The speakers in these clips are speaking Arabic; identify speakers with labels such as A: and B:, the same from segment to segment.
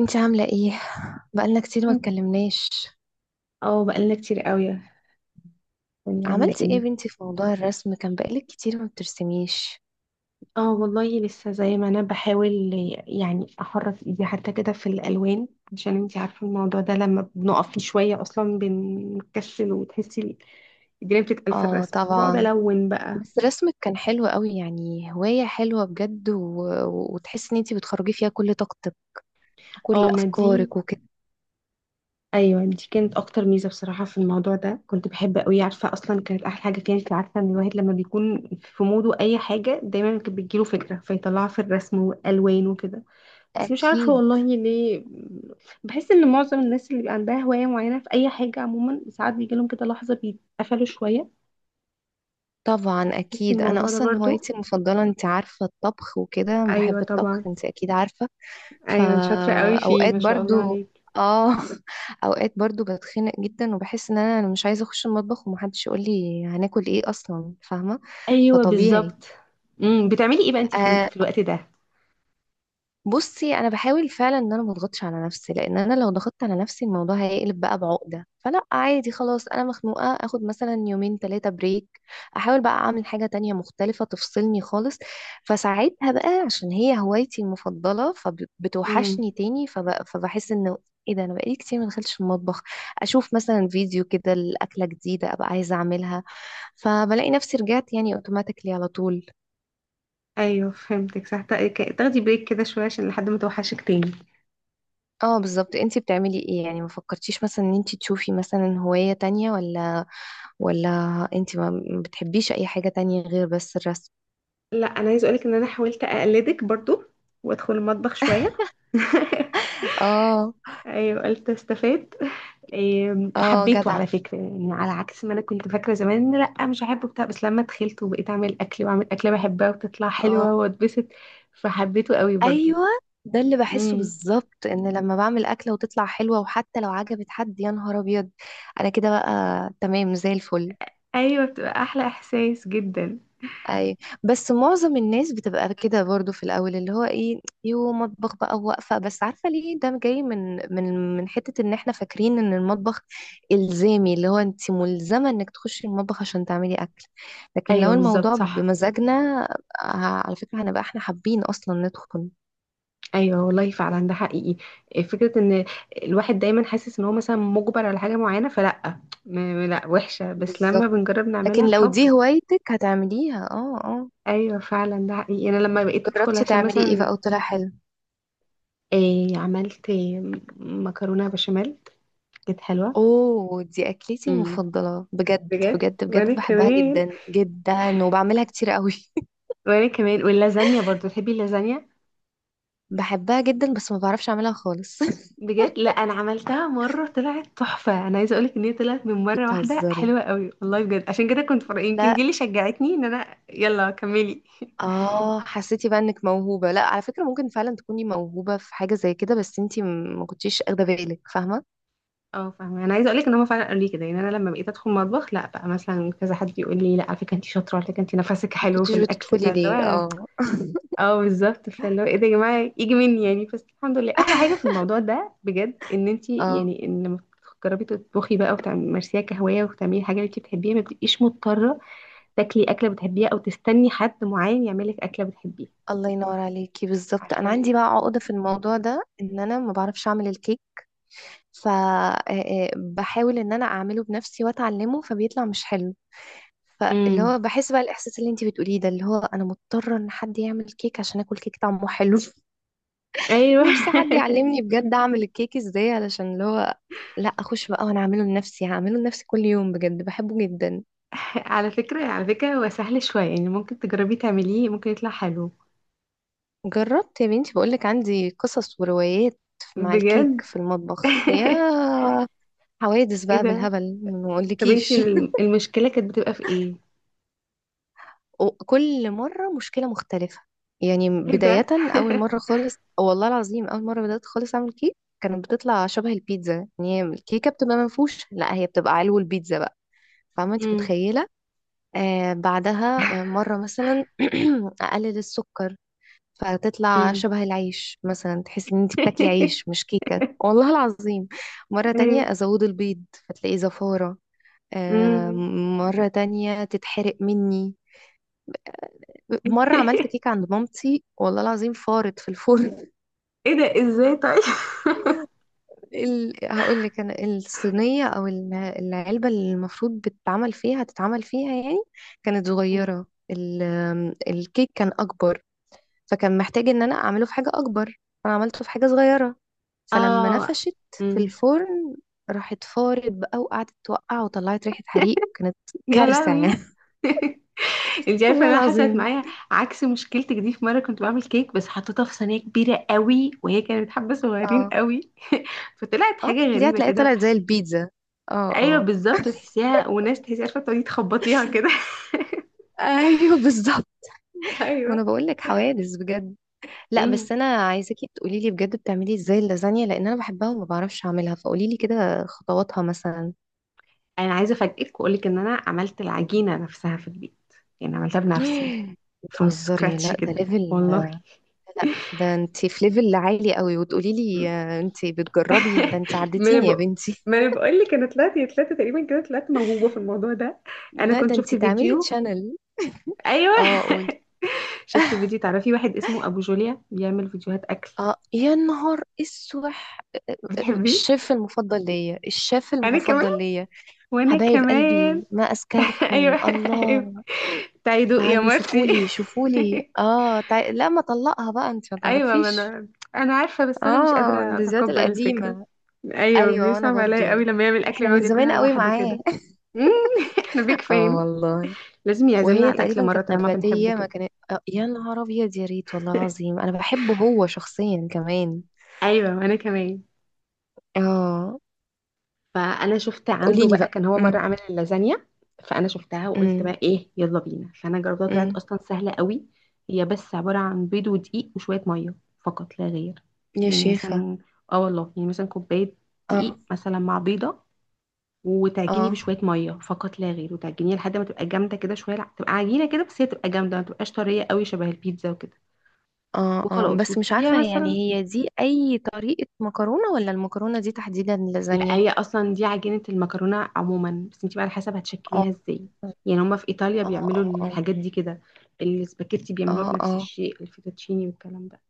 A: انتي عاملة ايه؟ بقالنا كتير ما اتكلمناش.
B: اه، بقالنا كتير قوي. يعني عاملة
A: عملتي ايه يا
B: ايه؟
A: بنتي في موضوع الرسم، كان بقالك كتير ما بترسميش.
B: اه والله، لسه زي ما انا بحاول، يعني احرك ايدي حتى كده في الالوان، عشان انتي عارفة الموضوع ده لما بنقف فيه شوية اصلا بنكسل، وتحسي الدنيا بتتقل في
A: اه
B: الرسم، فبقعد
A: طبعا.
B: الون بقى.
A: بس رسمك كان حلو قوي، يعني هواية حلوة بجد وتحسي ان انتي بتخرجي فيها كل طاقتك وكل
B: اه، ما دي
A: افكارك وكده.
B: ايوه دي كانت اكتر ميزه بصراحه في الموضوع ده، كنت بحب قوي، عارفه اصلا كانت احلى حاجه فيها. انت عارفه ان الواحد لما بيكون في موده اي حاجه دايما كانت بتجيله فكره فيطلعها في الرسم والوان وكده. بس مش عارفة
A: اكيد.
B: والله ليه. بحس ان معظم الناس اللي بيبقى عندها هواية معينة في اي حاجة عموما، ساعات بيجيلهم كده لحظة بيتقفلوا شوية.
A: طبعا
B: تحسي
A: اكيد، انا
B: الموضوع ده
A: اصلا
B: برضو؟
A: هوايتي المفضله انت عارفه، الطبخ وكده،
B: ايوه
A: بحب الطبخ
B: طبعا.
A: انت اكيد عارفه.
B: ايوه، انت شاطره قوي فيه
A: فاوقات
B: ما شاء الله
A: برضو
B: عليك.
A: اه اوقات برضو بتخنق جدا، وبحس ان انا مش عايزه اخش المطبخ ومحدش يقول لي هناكل ايه اصلا، فاهمه؟
B: ايوه
A: فطبيعي.
B: بالظبط. بتعملي ايه بقى انتي
A: آه
B: في الوقت ده؟
A: بصي انا بحاول فعلا ان انا ما اضغطش على نفسي، لان انا لو ضغطت على نفسي الموضوع هيقلب بقى بعقده. فلا، عادي، خلاص انا مخنوقه، اخد مثلا يومين ثلاثه بريك. احاول بقى اعمل حاجه تانية مختلفه تفصلني خالص. فساعتها بقى عشان هي هوايتي المفضله
B: امم.
A: فبتوحشني تاني فبحس انه ايه ده، انا بقالي كتير ما دخلتش المطبخ. اشوف مثلا فيديو كده لاكله جديده ابقى عايزه اعملها، فبلاقي نفسي رجعت يعني اوتوماتيكلي على طول.
B: ايوه فهمتك صح، تاخدي بريك كده شويه عشان لحد ما توحشك تاني.
A: اه بالظبط. انتي بتعملي ايه يعني؟ ما فكرتيش مثلا ان انتي تشوفي مثلا هواية تانية، ولا ولا انتي ما بتحبيش اي حاجة تانية غير بس الرسم؟
B: لا، انا عايزه اقولك ان انا حاولت اقلدك برضو، وادخل المطبخ شويه.
A: اه.
B: ايوه، قلت استفاد. إيه،
A: اه
B: حبيته
A: جدع.
B: على فكرة، يعني على عكس ما أنا كنت فاكرة زمان إن لأ مش هحبه بتاع. بس لما دخلت وبقيت أعمل أكل وأعمل أكلة بحبها وتطلع حلوة
A: اه
B: وأتبسط، فحبيته قوي برضو.
A: ايوه، ده اللي بحسه
B: امم.
A: بالظبط، ان لما بعمل اكلة وتطلع حلوة وحتى لو عجبت حد، يا نهار ابيض انا كده بقى تمام زي الفل.
B: أيوة، بتبقى أحلى إحساس جدا.
A: اي. بس معظم الناس بتبقى كده برضو في الاول، اللي هو ايه، يو مطبخ بقى واقفه، بس عارفه ليه ده جاي؟ من حته ان احنا فاكرين ان المطبخ الزامي، اللي هو انت ملزمه انك تخشي المطبخ عشان تعملي اكل. لكن لو
B: أيوة بالظبط
A: الموضوع
B: صح.
A: بمزاجنا ه- على فكره هنبقى احنا حابين اصلا ندخل.
B: أيوة والله فعلا ده حقيقي. إيه، فكرة إن الواحد دايما حاسس إن هو مثلا مجبر على حاجة معينة، فلأ لأ وحشة، بس لما
A: بالظبط،
B: بنجرب
A: لكن
B: نعملها
A: لو دي
B: بحب.
A: هوايتك هتعمليها. اه اه.
B: ايوه فعلا ده حقيقي، انا لما بقيت ادخل
A: جربتي
B: عشان
A: تعملي ايه
B: مثلا.
A: بقى وطلع حلو؟
B: إيه، عملت إيه، مكرونه بشاميل، كانت حلوة.
A: اوه، دي اكلتي
B: امم.
A: المفضله بجد
B: بجد،
A: بجد
B: وانا
A: بجد، بحبها
B: كمان.
A: جدا جدا وبعملها كتير قوي.
B: وانا كمان، واللازانيا برضو، تحبي اللازانيا؟
A: بحبها جدا، بس ما بعرفش اعملها خالص
B: بجد، لا انا عملتها مرة طلعت تحفة. انا عايزة اقولك ان هي طلعت من مرة واحدة
A: بتهزري؟
B: حلوة قوي والله بجد، عشان كده كنت فرق يمكن دي
A: لا.
B: اللي شجعتني ان انا يلا كملي.
A: اه حسيتي بقى انك موهوبه؟ لا على فكره ممكن فعلا تكوني موهوبه في حاجه زي كده، بس انتي ما كنتيش اخده بالك، فاهمه؟
B: اه، فاهمة. انا عايزة اقولك ان هما فعلا قالوا لي كده يعني، انا لما بقيت ادخل مطبخ، لا بقى مثلا كذا حد يقول لي، لا على فكرة انت شاطرة، على فكرة انت نفسك
A: ما
B: حلو في
A: كنتيش
B: الاكل،
A: بتدخلي
B: فاللي
A: ليه؟
B: هو.
A: اه
B: اه بالظبط، فاللي هو ايه ده يا جماعه يجي مني يعني، بس الحمد لله احلى حاجه في الموضوع ده بجد، ان انت
A: اه
B: يعني، ان لما تجربي تطبخي بقى وتمارسيها كهوايه وتعملي حاجه اللي انت بتحبيها، ما بتبقيش مضطره تاكلي اكله بتحبيها او تستني حد معين يعمل لك اكله بتحبيها.
A: الله ينور عليكي. بالظبط
B: عارفه
A: انا
B: ال...
A: عندي بقى عقده في الموضوع ده، ان انا ما بعرفش اعمل الكيك. فبحاول ان انا اعمله بنفسي واتعلمه فبيطلع مش حلو. فاللي
B: امم.
A: هو بحس بقى الاحساس اللي انتي بتقوليه ده، اللي هو انا مضطره ان حد يعمل كيك عشان اكل كيك طعمه حلو
B: ايوه.
A: نفسي حد يعلمني بجد اعمل الكيك ازاي، علشان اللي هو لا، اخش بقى وانا اعمله لنفسي، هعمله لنفسي كل يوم، بجد بحبه جدا.
B: على فكره، هو سهل شويه يعني، ممكن تجربي تعمليه ممكن يطلع حلو.
A: جربت يا بنتي، بقولك عندي قصص وروايات مع الكيك
B: بجد.
A: في المطبخ، يا حوادث
B: ايه
A: بقى
B: ده؟
A: بالهبل ما
B: طب انت
A: اقولكيش
B: المشكله كانت بتبقى في ايه؟
A: وكل مرة مشكلة مختلفة. يعني
B: ايه
A: بداية،
B: ده.
A: أول مرة خالص، والله العظيم أول مرة بدأت خالص أعمل كيك كانت بتطلع شبه البيتزا. يعني هي الكيكة بتبقى منفوشة، لا هي بتبقى علو البيتزا بقى، فاهمة أنت؟ متخيلة. بعدها مرة مثلا أقلل السكر فتطلع
B: امم.
A: شبه العيش، مثلا تحس ان انت بتاكلي عيش مش كيكة، والله العظيم. مرة
B: ايوه.
A: تانية أزود البيض فتلاقيه زفارة. آه،
B: أمم.
A: مرة تانية تتحرق مني. مرة عملت كيكة عند مامتي، والله العظيم فارت في الفرن
B: ايه ده ازاي طيب؟
A: هقول لك، انا الصينية او العلبة اللي المفروض بتتعمل فيها هتتعمل فيها يعني، كانت
B: أمم.
A: صغيرة. ال... الكيك كان اكبر، فكان محتاج ان انا اعمله في حاجة اكبر، فانا عملته في حاجة صغيرة. فلما
B: اه.
A: نفشت في
B: أمم.
A: الفرن راحت فارت بقى وقعدت توقع وطلعت ريحة حريق، كانت
B: يا
A: كارثة يعني
B: لهوي! انت عارفه إن
A: والله
B: انا حصلت
A: العظيم.
B: معايا عكس مشكلتك دي، في مره كنت بعمل كيك بس حطيتها في صينيه كبيره قوي، وهي كانت حبه صغيرين
A: اه
B: قوي. فطلعت
A: اه،
B: حاجه
A: دي
B: غريبه
A: هتلاقيها
B: كده.
A: طلعت زي البيتزا. اه
B: ايوه
A: اه
B: بالظبط، وتحسيها وناس، تحسي عارفه تقعدي تخبطيها كده.
A: ايوه بالظبط. وانا
B: ايوه.
A: بقول لك حوادث بجد. لا بس
B: امم
A: انا عايزاكي تقولي لي بجد بتعملي ازاي اللازانيا، لان انا بحبها وما بعرفش اعملها، فقولي لي كده خطواتها مثلا.
B: انا عايزه افاجئك واقول لك ان انا عملت العجينه نفسها في البيت، يعني عملتها بنفسي from
A: بتهزري! لا
B: scratch
A: ده
B: كده
A: ليفل،
B: والله.
A: ده انت في ليفل عالي قوي وتقولي
B: م-
A: لي انت بتجربي، ده انت
B: ما انا
A: عديتيني يا
B: بق-
A: بنتي
B: ما انا بقول لك، انا طلعت يا طلعت تقريبا كده، طلعت موهوبه في الموضوع ده. انا
A: لا
B: كنت
A: ده
B: شفت
A: انت تعملي
B: فيديو.
A: تشانل
B: ايوه.
A: اه قولي.
B: شفت فيديو، تعرفي واحد اسمه ابو جوليا بيعمل فيديوهات اكل؟
A: اه يا نهار اسوح!
B: بتحبيه؟
A: الشيف المفضل ليا، الشيف
B: انا كمان.
A: المفضل ليا.
B: وانا
A: حبايب
B: كمان.
A: قلبي ما
B: ايوه،
A: أزكاكم
B: ايوه.
A: الله.
B: تعالي دوقي يا
A: تعالوا
B: مرتي.
A: شوفولي شوفولي، اه لا ما طلقها بقى، انت ما
B: ايوه ما
A: تعرفيش.
B: انا، انا عارفه بس انا مش
A: اه
B: قادره
A: اللذات
B: اتقبل الفكره.
A: القديمة.
B: ايوه،
A: ايوه انا
B: بيصعب عليا قوي
A: برضو.
B: لما يعمل اكل
A: احنا من
B: ويقعد
A: زمان
B: ياكلها
A: قوي
B: لوحده
A: معاه
B: كده. مم، احنا بيك
A: اه
B: فين؟
A: والله.
B: لازم يعزمنا
A: وهي
B: على الاكل
A: تقريبا
B: مره
A: كانت
B: طالما بنحبه
A: نباتية، ما
B: كده.
A: كانت. آه يا نهار ابيض، يا ريت، والله العظيم انا بحبه هو شخصيا كمان.
B: ايوه وانا كمان.
A: اه.
B: فانا شفت عنده
A: قوليلي
B: بقى،
A: بقى.
B: كان هو مره عامل اللازانيا. فانا شفتها وقلت
A: امم
B: بقى ايه يلا بينا، فانا جربتها طلعت
A: امم.
B: اصلا سهله قوي. هي بس عباره عن بيض ودقيق وشويه ميه، فقط لا غير.
A: يا
B: يعني
A: شيخة.
B: مثلا، اه والله، يعني مثلا كوبايه
A: اه
B: دقيق مثلا مع بيضه، وتعجني
A: اه.
B: بشويه ميه فقط لا غير، وتعجنيها لحد ما تبقى جامده كده شويه، تبقى عجينه كده، بس هي تبقى جامده ما تبقاش طريه قوي شبه البيتزا وكده.
A: اه اه
B: وخلاص،
A: بس مش
B: وتسيبيها
A: عارفة يعني
B: مثلا.
A: هي دي أي طريقة مكرونة، ولا المكرونة دي تحديدا
B: لا،
A: لازانيا؟
B: هي اصلا دي عجينه المكرونه عموما، بس انت بقى على حسب
A: اه
B: هتشكليها ازاي،
A: اه.
B: يعني هما في ايطاليا بيعملوا
A: اه اه.
B: الحاجات دي كده، السباكيتي بيعملوها
A: اه
B: بنفس
A: اه.
B: الشيء، الفيتوتشيني والكلام ده.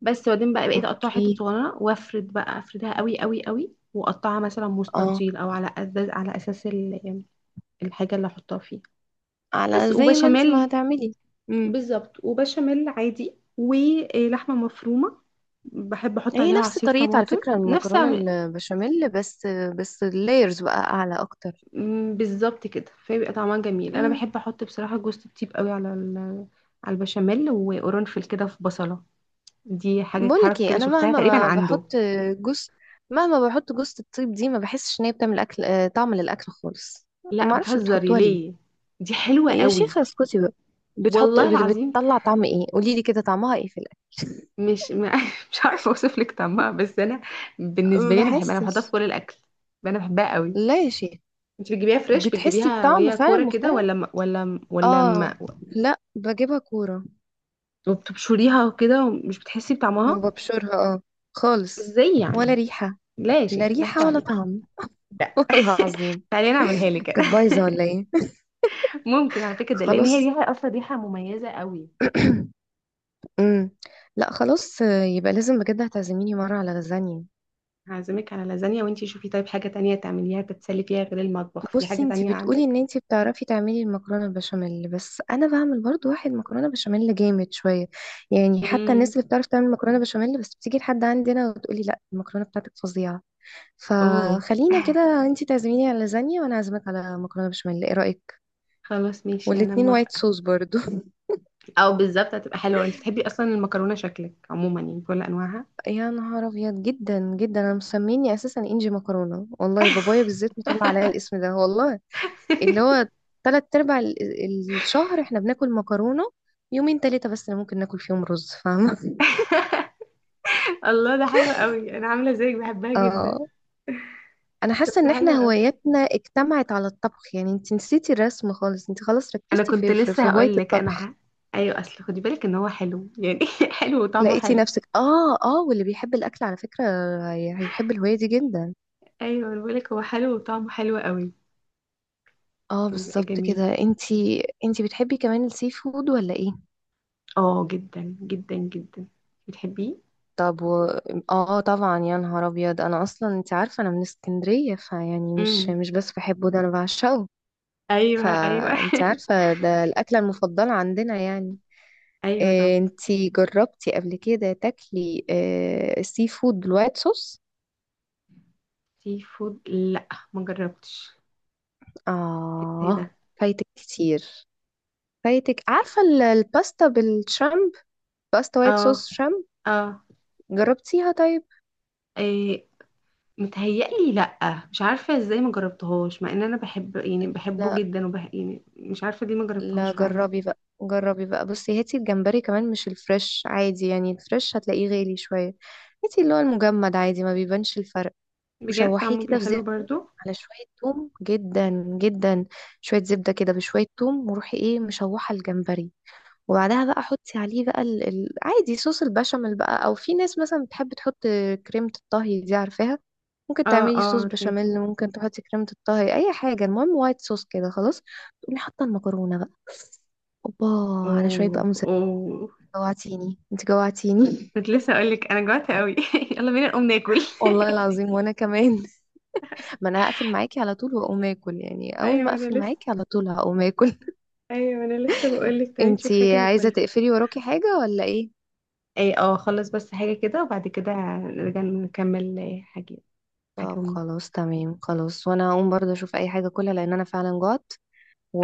B: بس بعدين بقى، بقيت اقطعها حتت
A: اوكي.
B: صغيره، وافرد بقى افردها قوي قوي قوي، واقطعها مثلا
A: اه.
B: مستطيل، او على اساس الحاجه اللي احطها فيها. بس،
A: على زي ما انت ما
B: وبشاميل.
A: هتعملي. امم.
B: بالظبط، وبشاميل عادي ولحمه مفرومه، بحب احط
A: هي
B: عليها
A: نفس
B: عصير
A: طريقة على
B: طماطم
A: فكرة
B: نفس.
A: المكرونة البشاميل، بس بس اللايرز بقى أعلى أكتر.
B: بالظبط كده، فبيبقى طعمها جميل. انا
A: امم.
B: بحب احط بصراحه جوز الطيب قوي على على البشاميل، وقرنفل كده في بصله، دي حاجه
A: بقولك
B: حركه
A: ايه،
B: كده،
A: أنا
B: شفتها تقريبا
A: مهما بحط
B: عنده.
A: جوز، مهما بحط جوز الطيب دي ما بحسش إن هي بتعمل أكل، طعم للأكل خالص.
B: لا،
A: ما أعرفش
B: بتهزري
A: بتحطوها ليه.
B: ليه؟ دي حلوه
A: يا
B: قوي،
A: شيخة اسكتي بقى. بتحط
B: والله
A: بت-
B: العظيم.
A: بتطلع طعم ايه؟ قولي لي كده طعمها ايه في الاكل.
B: مش م- مش عارفه اوصف لك طعمها، بس انا بالنسبه
A: ما
B: لي انا بحبها، انا بحطها في
A: بحسش.
B: كل الاكل. انا بحبها قوي.
A: لا يا شيخة.
B: انت بتجيبيها فريش،
A: بتحسي
B: بتجيبيها
A: بطعم
B: وهي
A: فعلا
B: كوره كده،
A: مختلف؟ اه. لا بجيبها كورة
B: وبتبشريها كده ومش بتحسي بطعمها؟
A: وببشرها اه. خالص.
B: ازاي
A: ولا
B: يعني؟
A: ريحة.
B: لا يا
A: لا
B: شيخ،
A: ريحة
B: ضحكوا
A: ولا
B: عليكي.
A: طعم
B: لا.
A: والله العظيم.
B: تعالي أنا اعملها لك كده.
A: كانت بايظة ولا ايه؟
B: ممكن على فكره، ده لان هي
A: خلاص.
B: ريحه اصلا ريحه مميزه قوي.
A: أمم. لا خلاص يبقى لازم بجد هتعزميني مرة على لازانيا.
B: هعزمك على لازانيا، وانتي شوفي طيب حاجه تانية تعمليها تتسلي فيها غير المطبخ، في
A: بصي،
B: حاجه
A: انت
B: تانية
A: بتقولي ان
B: عندك؟
A: انت بتعرفي تعملي المكرونه البشاميل، بس انا بعمل برضو واحد مكرونه بشاميل جامد شويه. يعني حتى
B: امم.
A: الناس اللي بتعرف تعمل مكرونه بشاميل بس بتيجي لحد عندنا وتقولي لا، المكرونه بتاعتك فظيعه.
B: اوه.
A: فخلينا كده، انت تعزميني على لازانيا وانا اعزمك على مكرونه بشاميل، ايه رايك؟
B: خلاص ماشي، انا
A: والاتنين وايت
B: موافقه.
A: صوص برضو
B: او بالظبط، هتبقى حلوه، انتي بتحبي اصلا المكرونه شكلك عموما يعني بكل انواعها.
A: يا نهار ابيض، جدا جدا، انا مسميني اساسا انجي مكرونه، والله بابايا بالذات مطلع عليا الاسم ده والله. اللي هو تلات ارباع الشهر احنا بناكل مكرونة، يومين تلاتة بس اللي ممكن ناكل فيهم رز، فاهمة؟
B: الله، ده حلو قوي، انا عامله زيك بحبها جدا.
A: اه. انا
B: طب
A: حاسة
B: ده
A: ان احنا
B: حلو قوي.
A: هواياتنا اجتمعت على الطبخ، يعني انت نسيتي الرسم خالص، انت خلاص
B: انا
A: ركزتي
B: كنت
A: في في
B: لسه
A: هواية
B: هقول لك انا
A: الطبخ.
B: ايوه، اصل خدي بالك ان هو حلو يعني. حلو وطعمه
A: لقيتي
B: حلو.
A: نفسك. اه اه. واللي بيحب الاكل على فكرة هيحب الهواية دي جدا.
B: ايوه أنا بقولك، هو حلو وطعمه حلو قوي.
A: اه
B: بيبقى
A: بالظبط
B: جميل.
A: كده. انتي انتي بتحبي كمان السي فود ولا ايه؟
B: اه جدا جدا جدا. بتحبيه؟
A: طب اه طبعا يا نهار ابيض، انا اصلا انت عارفه انا من اسكندريه، فيعني مش
B: امم.
A: مش بس بحبه، ده انا بعشقه.
B: ايوه، ايوه.
A: فانت عارفة ده الأكلة المفضلة عندنا يعني.
B: ايوه. طب
A: انت جربتي قبل كده تاكلي سي فود بالوايت صوص؟
B: سي فود، لا ما جربتش. ايه
A: اه
B: ده؟
A: فايتك كتير، فايتك، عارفة الباستا بالشرمب، باستا وايت
B: اه،
A: صوص شرمب؟
B: اه.
A: جربتيها طيب؟
B: إيه؟ متهيألي لا، مش عارفه ازاي ما جربتهاش مع ان انا بحب يعني بحبه
A: لا.
B: جدا يعني مش عارفه دي ما جربتهاش
A: لا
B: فعلا.
A: جربي بقى، جربي بقى، بصي هاتي الجمبري كمان، مش الفريش، عادي يعني الفريش هتلاقيه غالي شوية، هاتي اللي هو المجمد عادي ما بيبانش الفرق.
B: بجد،
A: وشوحيه
B: طعمه
A: كده
B: بيبقى
A: في
B: حلو
A: زبدة
B: برضو؟
A: على شوية توم، جدا جدا شوية زبدة كده بشوية توم وروحي ايه مشوحة الجمبري. وبعدها بقى حطي عليه بقى عادي صوص البشاميل بقى، او في ناس مثلا بتحب تحط كريمة الطهي دي، عارفاها؟ ممكن
B: اه،
A: تعملي
B: اه،
A: صوص
B: عارفه.
A: بشاميل، ممكن تحطي كريمة الطهي، اي حاجة، المهم وايت صوص كده خلاص. تقومي حاطة المكرونة بقى، اوبا، على شوية
B: اوه،
A: بقى موزاريلا.
B: اوه.
A: جوعتيني، انت جوعتيني
B: كنت لسه اقولك انا جوعت قوي. يلا بينا نقوم ناكل.
A: والله العظيم وانا كمان. ما انا هقفل معاكي على طول واقوم اكل، يعني اول ما
B: ايوه انا
A: اقفل
B: لسه
A: معاكي على طول هقوم اكل
B: ايوه انا لسه بقول لك، تعالي نشوف حاجه
A: انتي عايزه
B: ناكلها.
A: تقفلي وراكي حاجه ولا ايه؟
B: اي، اه، خلص بس حاجه كده وبعد كده، نرجع نكمل حاجه.
A: طب
B: حاجه ونوم.
A: خلاص تمام، خلاص وانا هقوم برضه اشوف اي حاجه اكلها لان انا فعلا جوعت.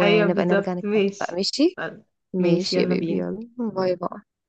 B: ايوه
A: نرجع
B: بالظبط
A: نتكلم بقى،
B: ماشي.
A: ماشي.
B: طيب. ماشي
A: ماشي يا
B: يلا
A: بيبي،
B: بينا.
A: يلا باي باي.